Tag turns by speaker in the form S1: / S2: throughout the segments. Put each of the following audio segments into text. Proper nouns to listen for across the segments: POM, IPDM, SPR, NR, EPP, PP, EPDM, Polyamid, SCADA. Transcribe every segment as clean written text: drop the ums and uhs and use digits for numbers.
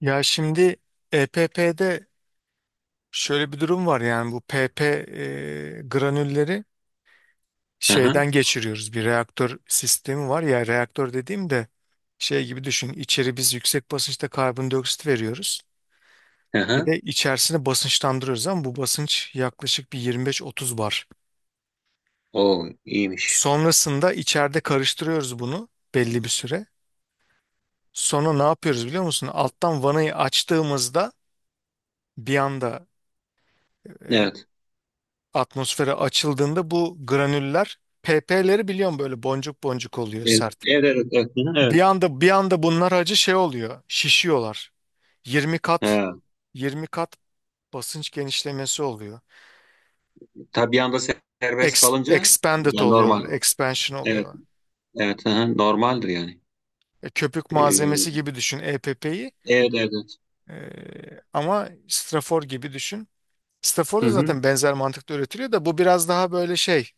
S1: Ya şimdi EPP'de şöyle bir durum var, yani bu PP granülleri
S2: Aha,
S1: şeyden geçiriyoruz. Bir reaktör sistemi var ya, reaktör dediğim de şey gibi düşün, içeri biz yüksek basınçta karbondioksit veriyoruz, bir
S2: aha.
S1: de içerisine basınçlandırıyoruz. Ama bu basınç yaklaşık bir 25-30 bar.
S2: O iyiymiş.
S1: Sonrasında içeride karıştırıyoruz bunu belli bir süre. Sonra ne yapıyoruz biliyor musun? Alttan vanayı açtığımızda bir anda e,
S2: Evet.
S1: atmosfere açıldığında bu granüller, PP'leri biliyorum, böyle boncuk boncuk oluyor
S2: Evet,
S1: sert.
S2: evet, evet. Evet. Hı hı,
S1: Bir
S2: evet.
S1: anda bir anda bunlar acı şey oluyor. Şişiyorlar. 20 kat
S2: Ha,
S1: 20 kat basınç genişlemesi oluyor.
S2: tabii bir anda serbest kalınca
S1: Expanded
S2: yani normal.
S1: oluyorlar, expansion
S2: Evet,
S1: oluyorlar.
S2: evet. Aha, normaldir yani.
S1: Köpük malzemesi
S2: Ee,
S1: gibi düşün EPP'yi.
S2: evet, evet. Evet.
S1: E, Ama strafor gibi düşün. Strafor
S2: Hı
S1: da
S2: hı.
S1: zaten benzer mantıkta üretiliyor, da bu biraz daha böyle şey,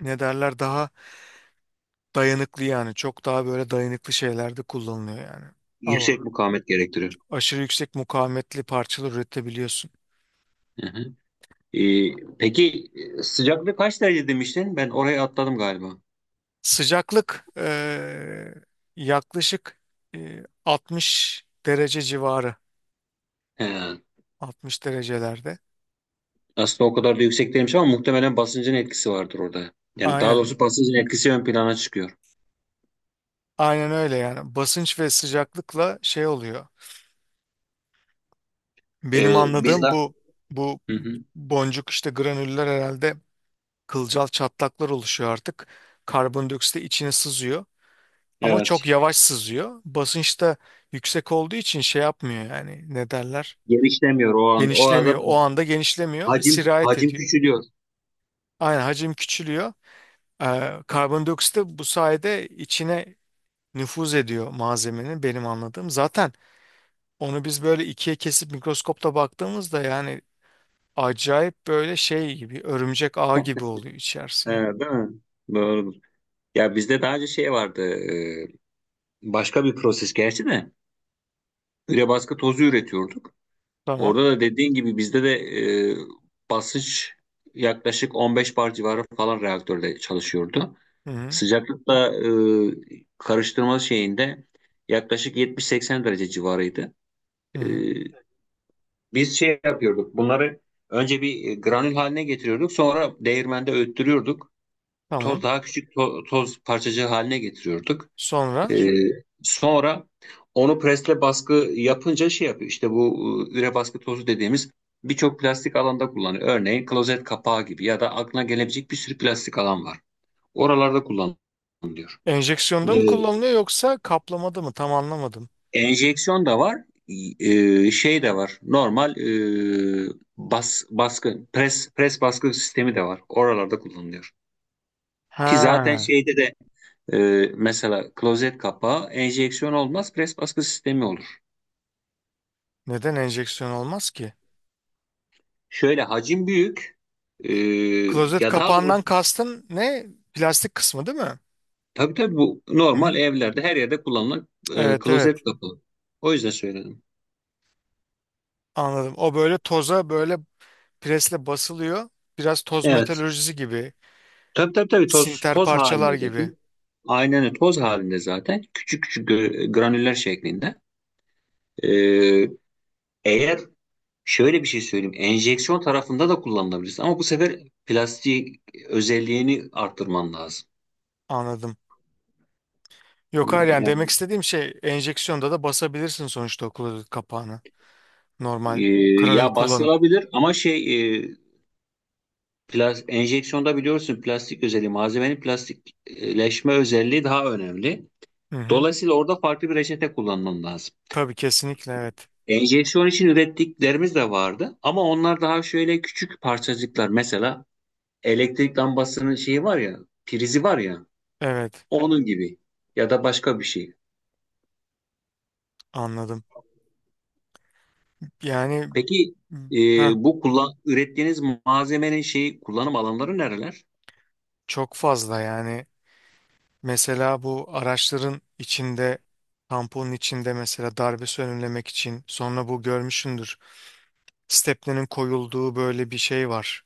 S1: ne derler, daha dayanıklı. Yani çok daha böyle dayanıklı şeylerde kullanılıyor yani. Al onu.
S2: Yüksek mukavemet gerektiriyor.
S1: Aşırı yüksek mukavemetli parçalar üretebiliyorsun.
S2: Hı hı. Ee, peki sıcaklık kaç derece demiştin? Ben oraya atladım galiba.
S1: Sıcaklık yaklaşık 60 derece civarı.
S2: He.
S1: 60 derecelerde.
S2: Aslında o kadar da yüksek değilmiş ama muhtemelen basıncın etkisi vardır orada. Yani daha
S1: Aynen.
S2: doğrusu basıncın etkisi ön plana çıkıyor.
S1: Aynen öyle yani. Basınç ve sıcaklıkla şey oluyor. Benim
S2: Biz de.
S1: anladığım, bu
S2: Hı hı.
S1: boncuk, işte granüller, herhalde kılcal çatlaklar oluşuyor artık. Karbondioksit de içine sızıyor. Ama çok
S2: Evet.
S1: yavaş sızıyor. Basınç da yüksek olduğu için şey yapmıyor yani, ne derler?
S2: Genişlemiyor o an. O arada
S1: Genişlemiyor. O anda genişlemiyor.
S2: hacim
S1: Sirayet
S2: hacim
S1: ediyor.
S2: küçülüyor.
S1: Aynen, hacim küçülüyor. Karbondioksit de bu sayede içine nüfuz ediyor malzemenin, benim anladığım. Zaten onu biz böyle ikiye kesip mikroskopta baktığımızda, yani acayip böyle şey gibi, örümcek ağı gibi oluyor içerisi
S2: Ee,
S1: yani.
S2: değil mi? Doğrudur. Ya bizde daha önce şey vardı. Başka bir proses gerçi de. Üre baskı tozu üretiyorduk.
S1: Tamam.
S2: Orada da dediğin gibi bizde de basınç yaklaşık 15 bar civarı falan reaktörde çalışıyordu.
S1: Hı hı.
S2: Sıcaklıkla karıştırma şeyinde yaklaşık 70-80 derece civarıydı.
S1: Hı
S2: E,
S1: hı.
S2: Biz şey yapıyorduk. Bunları önce bir granül haline getiriyorduk. Sonra değirmende öğüttürüyorduk. Toz
S1: Tamam.
S2: daha küçük toz parçacığı haline getiriyorduk.
S1: Sonra
S2: E, sonra onu presle baskı yapınca şey yapıyor. İşte bu üre baskı tozu dediğimiz birçok plastik alanda kullanılıyor. Örneğin klozet kapağı gibi ya da aklına gelebilecek bir sürü plastik alan var. Oralarda kullanılıyor.
S1: enjeksiyonda
S2: E,
S1: mı kullanılıyor yoksa kaplamada mı? Tam anlamadım.
S2: Enjeksiyon da var, şey de var. Normal e, bas baskı pres pres baskı sistemi de var. Oralarda kullanılıyor. Ki zaten
S1: Ha,
S2: şeyde de e, mesela klozet kapağı enjeksiyon olmaz, pres baskı sistemi olur.
S1: neden enjeksiyon olmaz ki?
S2: Şöyle hacim büyük. e,
S1: Klozet
S2: ya daha
S1: kapağından
S2: doğrusu
S1: kastın ne? Plastik kısmı değil mi?
S2: tabii tabii bu
S1: Hı
S2: normal
S1: hı.
S2: evlerde her yerde kullanılan
S1: Evet, evet,
S2: klozet kapağı. O yüzden söyledim.
S1: anladım. O böyle toza, böyle presle basılıyor. Biraz toz
S2: Evet.
S1: metalurjisi gibi.
S2: Tabii tabii tabii toz
S1: Sinter
S2: toz halinde
S1: parçalar gibi.
S2: zaten. Aynen öyle. Toz halinde zaten küçük küçük granüller şeklinde. Ee, eğer şöyle bir şey söyleyeyim, enjeksiyon tarafında da kullanılabilirsin ama bu sefer plastik özelliğini arttırman lazım.
S1: Anladım. Yok, hayır, yani demek
S2: Yani,
S1: istediğim şey, enjeksiyonda da basabilirsin sonuçta o klozet kapağını. Normal
S2: e,
S1: kranül
S2: ya
S1: kullanıp.
S2: bastırılabilir ama şey enjeksiyonda biliyorsun plastik özelliği, malzemenin plastikleşme özelliği daha önemli.
S1: Hı hı.
S2: Dolayısıyla orada farklı bir reçete kullanman lazım.
S1: Tabii, kesinlikle, evet.
S2: Enjeksiyon için ürettiklerimiz de vardı ama onlar daha şöyle küçük parçacıklar, mesela elektrik lambasının şeyi var ya, prizi var ya,
S1: Evet,
S2: onun gibi ya da başka bir şey.
S1: anladım. Yani
S2: Peki e,
S1: ha,
S2: bu ürettiğiniz malzemenin şeyi, kullanım alanları nereler?
S1: çok fazla yani. Mesela bu araçların içinde, tamponun içinde mesela darbesi önlemek için. Sonra bu görmüşsündür, stepnenin koyulduğu böyle bir şey var.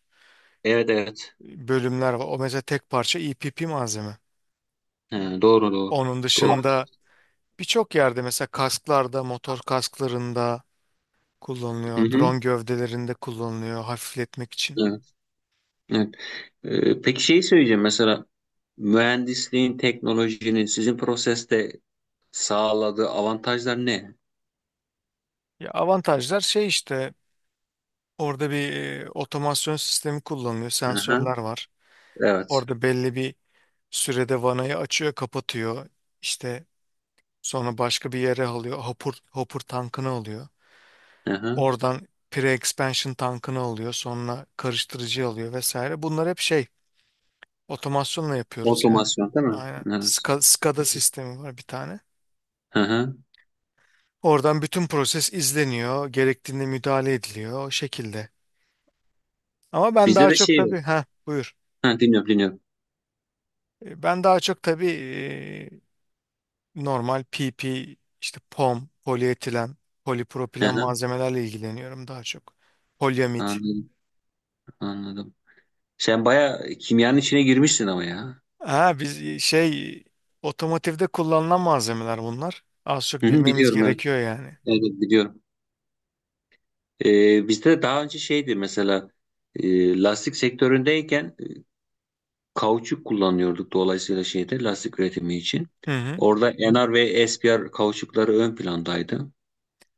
S2: Evet evet.
S1: Bölümler var. O mesela tek parça EPP malzeme.
S2: He, doğru doğru.
S1: Onun
S2: Doğru.
S1: dışında birçok yerde, mesela kasklarda, motor kasklarında
S2: Hı
S1: kullanılıyor.
S2: hı.
S1: Drone gövdelerinde kullanılıyor hafifletmek için.
S2: Evet, evet. Peki şeyi söyleyeceğim, mesela mühendisliğin, teknolojinin sizin proseste sağladığı avantajlar ne?
S1: Ya, avantajlar şey işte, orada bir otomasyon sistemi kullanılıyor.
S2: Hı hı.
S1: Sensörler var.
S2: Evet.
S1: Orada belli bir sürede vanayı açıyor, kapatıyor. İşte sonra başka bir yere alıyor. Hopper, hopper tankını alıyor.
S2: Hı hı.
S1: Oradan pre-expansion tankını alıyor. Sonra karıştırıcı alıyor vesaire. Bunlar hep şey, otomasyonla yapıyoruz yani.
S2: Otomasyon değil mi?
S1: Aynen.
S2: Evet.
S1: SCADA sistemi var bir tane.
S2: Hı hı.
S1: Oradan bütün proses izleniyor. Gerektiğinde müdahale ediliyor o şekilde. Ama ben
S2: Bizde
S1: daha
S2: de
S1: çok
S2: şey var.
S1: tabii, ha buyur.
S2: Ha, dinliyorum dinliyorum.
S1: Ben daha çok tabii normal PP, işte POM, polietilen,
S2: Hı
S1: polipropilen
S2: hı.
S1: malzemelerle ilgileniyorum daha çok. Polyamid.
S2: Anladım. Anladım. Sen bayağı kimyanın içine girmişsin ama ya.
S1: Ha, biz şey, otomotivde kullanılan malzemeler bunlar. Az çok
S2: Hı hı,
S1: bilmemiz
S2: biliyorum, evet.
S1: gerekiyor yani.
S2: Evet evet, biliyorum. Bizde daha önce şeydi, mesela lastik sektöründeyken kauçuk kullanıyorduk, dolayısıyla şeyde lastik üretimi için.
S1: Hı hı.
S2: Orada NR ve SPR kauçukları ön plandaydı.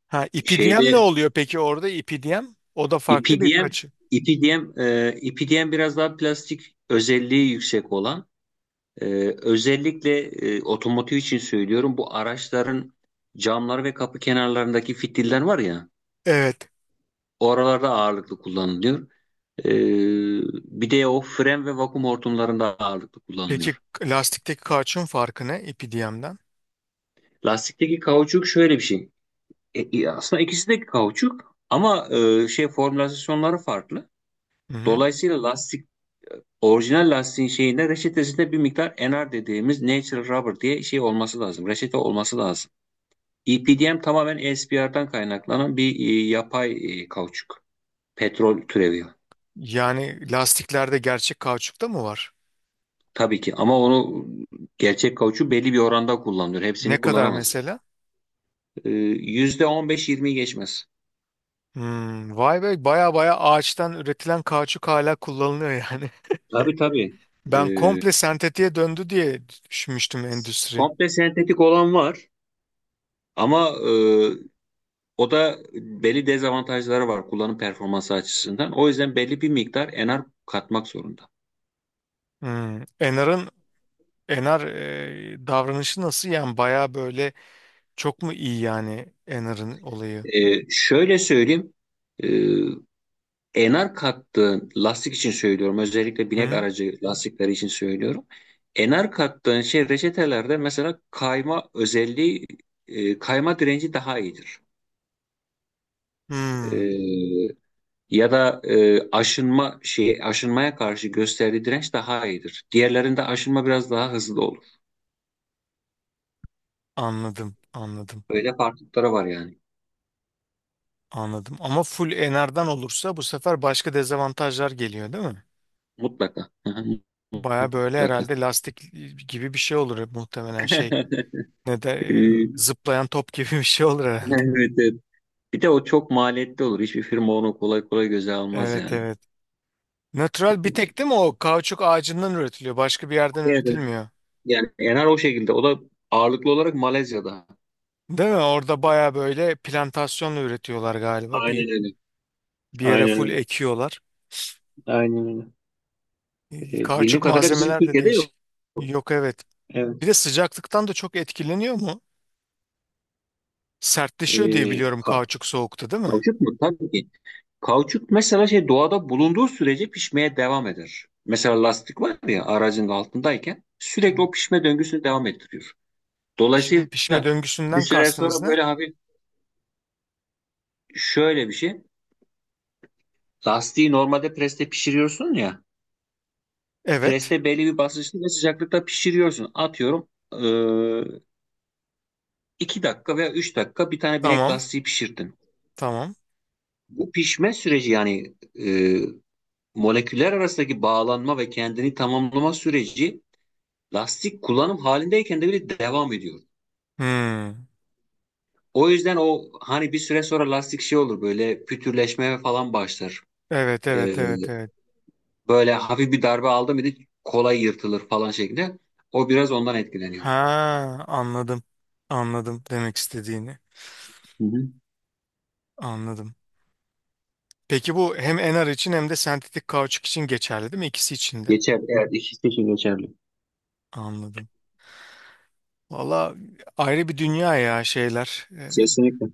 S1: Ha, ipidiyem ne
S2: Şeyde
S1: oluyor peki, orada ipidiyem? O da farklı bir
S2: IPDM
S1: kaçı.
S2: biraz daha plastik özelliği yüksek olan. Özellikle otomotiv için söylüyorum. Bu araçların camları ve kapı kenarlarındaki fitiller var ya,
S1: Evet.
S2: oralarda ağırlıklı kullanılıyor. Ee, bir de o fren ve vakum hortumlarında ağırlıklı
S1: Peki
S2: kullanılıyor.
S1: lastikteki kauçuğun farkı ne ipidiyemden?
S2: Lastikteki kauçuk şöyle bir şey. Aslında ikisi de kauçuk ama şey, formülasyonları farklı.
S1: Hı hı.
S2: Dolayısıyla lastik, orijinal lastiğin şeyinde reçetesinde bir miktar NR dediğimiz natural rubber diye şey olması lazım. Reçete olması lazım. EPDM tamamen ESPR'dan kaynaklanan bir yapay kauçuk. Petrol türevi.
S1: Yani lastiklerde gerçek kauçuk da mı var?
S2: Tabii ki ama onu gerçek kauçuk belli bir oranda kullanılıyor.
S1: Ne
S2: Hepsini
S1: kadar
S2: kullanamaz.
S1: mesela?
S2: E, yüzde on beş, 20'yi geçmez.
S1: Hmm, vay be, baya baya ağaçtan üretilen kauçuk hala kullanılıyor yani.
S2: Tabii tabii. E,
S1: Ben komple sentetiğe döndü diye düşünmüştüm endüstri.
S2: Komple sentetik olan var ama o da belli dezavantajları var kullanım performansı açısından. O yüzden belli bir miktar enar katmak zorunda.
S1: Hmm, Enar'ın, davranışı nasıl yani? Baya böyle çok mu iyi yani Enar'ın olayı?
S2: E, şöyle söyleyeyim. E, enar kattığın lastik için söylüyorum. Özellikle binek
S1: Hı-hı.
S2: aracı lastikleri için söylüyorum. Enar kattığın şey reçetelerde, mesela kayma direnci daha iyidir. E, ya da aşınmaya karşı gösterdiği direnç daha iyidir. Diğerlerinde aşınma biraz daha hızlı olur.
S1: Anladım, anladım,
S2: Böyle farklılıkları var yani.
S1: anladım, ama full Enar'dan olursa bu sefer başka dezavantajlar geliyor değil mi?
S2: Mutlaka. Hı hı,
S1: Baya böyle
S2: mutlaka.
S1: herhalde lastik gibi bir şey olur muhtemelen, şey, ne de e,
S2: E,
S1: zıplayan top gibi bir şey olur herhalde.
S2: Evet, evet. Bir de o çok maliyetli olur. Hiçbir firma onu kolay kolay göze almaz
S1: Evet,
S2: yani.
S1: evet. Natural bir tek değil mi o, kauçuk ağacından üretiliyor. Başka bir yerden
S2: Evet, evet.
S1: üretilmiyor.
S2: Yani Enar o şekilde. O da ağırlıklı olarak Malezya'da.
S1: Değil mi? Orada baya böyle plantasyonla üretiyorlar galiba. Bir
S2: Aynen öyle.
S1: bir yere
S2: Aynen
S1: full
S2: öyle.
S1: ekiyorlar.
S2: Aynen öyle. Bildiğim
S1: Kauçuk
S2: kadarıyla bizim
S1: malzemeler de
S2: Türkiye'de yok.
S1: değişik. Yok, evet. Bir
S2: Evet.
S1: de sıcaklıktan da çok etkileniyor mu? Sertleşiyor diye
S2: Ee,
S1: biliyorum
S2: ka-
S1: kauçuk soğukta, değil mi?
S2: kauçuk mu? Tabii ki. Kauçuk mesela şey doğada bulunduğu sürece pişmeye devam eder. Mesela lastik var ya aracın altındayken
S1: Hı.
S2: sürekli o pişme döngüsünü devam ettiriyor. Dolayısıyla
S1: Şimdi pişme
S2: bir
S1: döngüsünden
S2: süre
S1: kastınız
S2: sonra
S1: ne?
S2: böyle hafif şöyle bir şey. Lastiği normalde preste pişiriyorsun ya.
S1: Evet.
S2: Preste belli bir basınçta ve sıcaklıkta pişiriyorsun. Atıyorum 2 dakika veya 3 dakika bir tane binek
S1: Tamam.
S2: lastiği pişirdin.
S1: Tamam.
S2: Bu pişme süreci, yani moleküller arasındaki bağlanma ve kendini tamamlama süreci lastik kullanım halindeyken de bile devam ediyor.
S1: Hmm.
S2: O yüzden o hani bir süre sonra lastik şey olur böyle pütürleşmeye falan başlar.
S1: Evet,
S2: Eee,
S1: evet, evet, evet.
S2: böyle hafif bir darbe aldı mıydı kolay yırtılır falan şeklinde. O biraz ondan etkileniyor.
S1: Ha, anladım. Anladım demek istediğini.
S2: Hı hı.
S1: Anladım. Peki bu hem NR için hem de sentetik kauçuk için geçerli değil mi? İkisi için de.
S2: Geçer. Evet, ikisi için geçerli.
S1: Anladım. Valla ayrı bir dünya ya şeyler.
S2: Kesinlikle.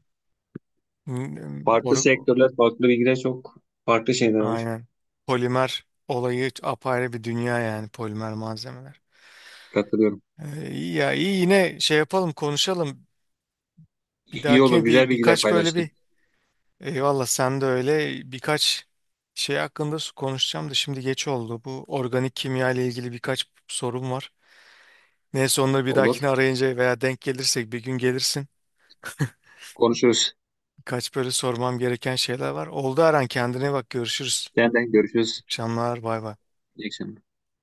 S1: m- m-
S2: Farklı
S1: or-
S2: sektörler, farklı bilgiler çok farklı şeyler var.
S1: aynen. Polimer olayı apayrı bir dünya, yani polimer malzemeler.
S2: Katılıyorum.
S1: İyi ya, iyi, yine şey yapalım, konuşalım. Bir
S2: İyi olur,
S1: dahakine
S2: güzel
S1: bir
S2: bilgiler
S1: birkaç böyle
S2: paylaştın.
S1: bir, eyvallah. Sen de öyle birkaç şey hakkında konuşacağım da, şimdi geç oldu. Bu organik kimya ile ilgili birkaç sorum var. Neyse, onları bir dahakine
S2: Olur.
S1: arayınca veya denk gelirsek bir gün gelirsin.
S2: Konuşuruz.
S1: Kaç böyle sormam gereken şeyler var. Oldu, Aran, kendine bak, görüşürüz.
S2: Senden görüşürüz.
S1: İyi akşamlar, bay bay.
S2: İyi akşamlar.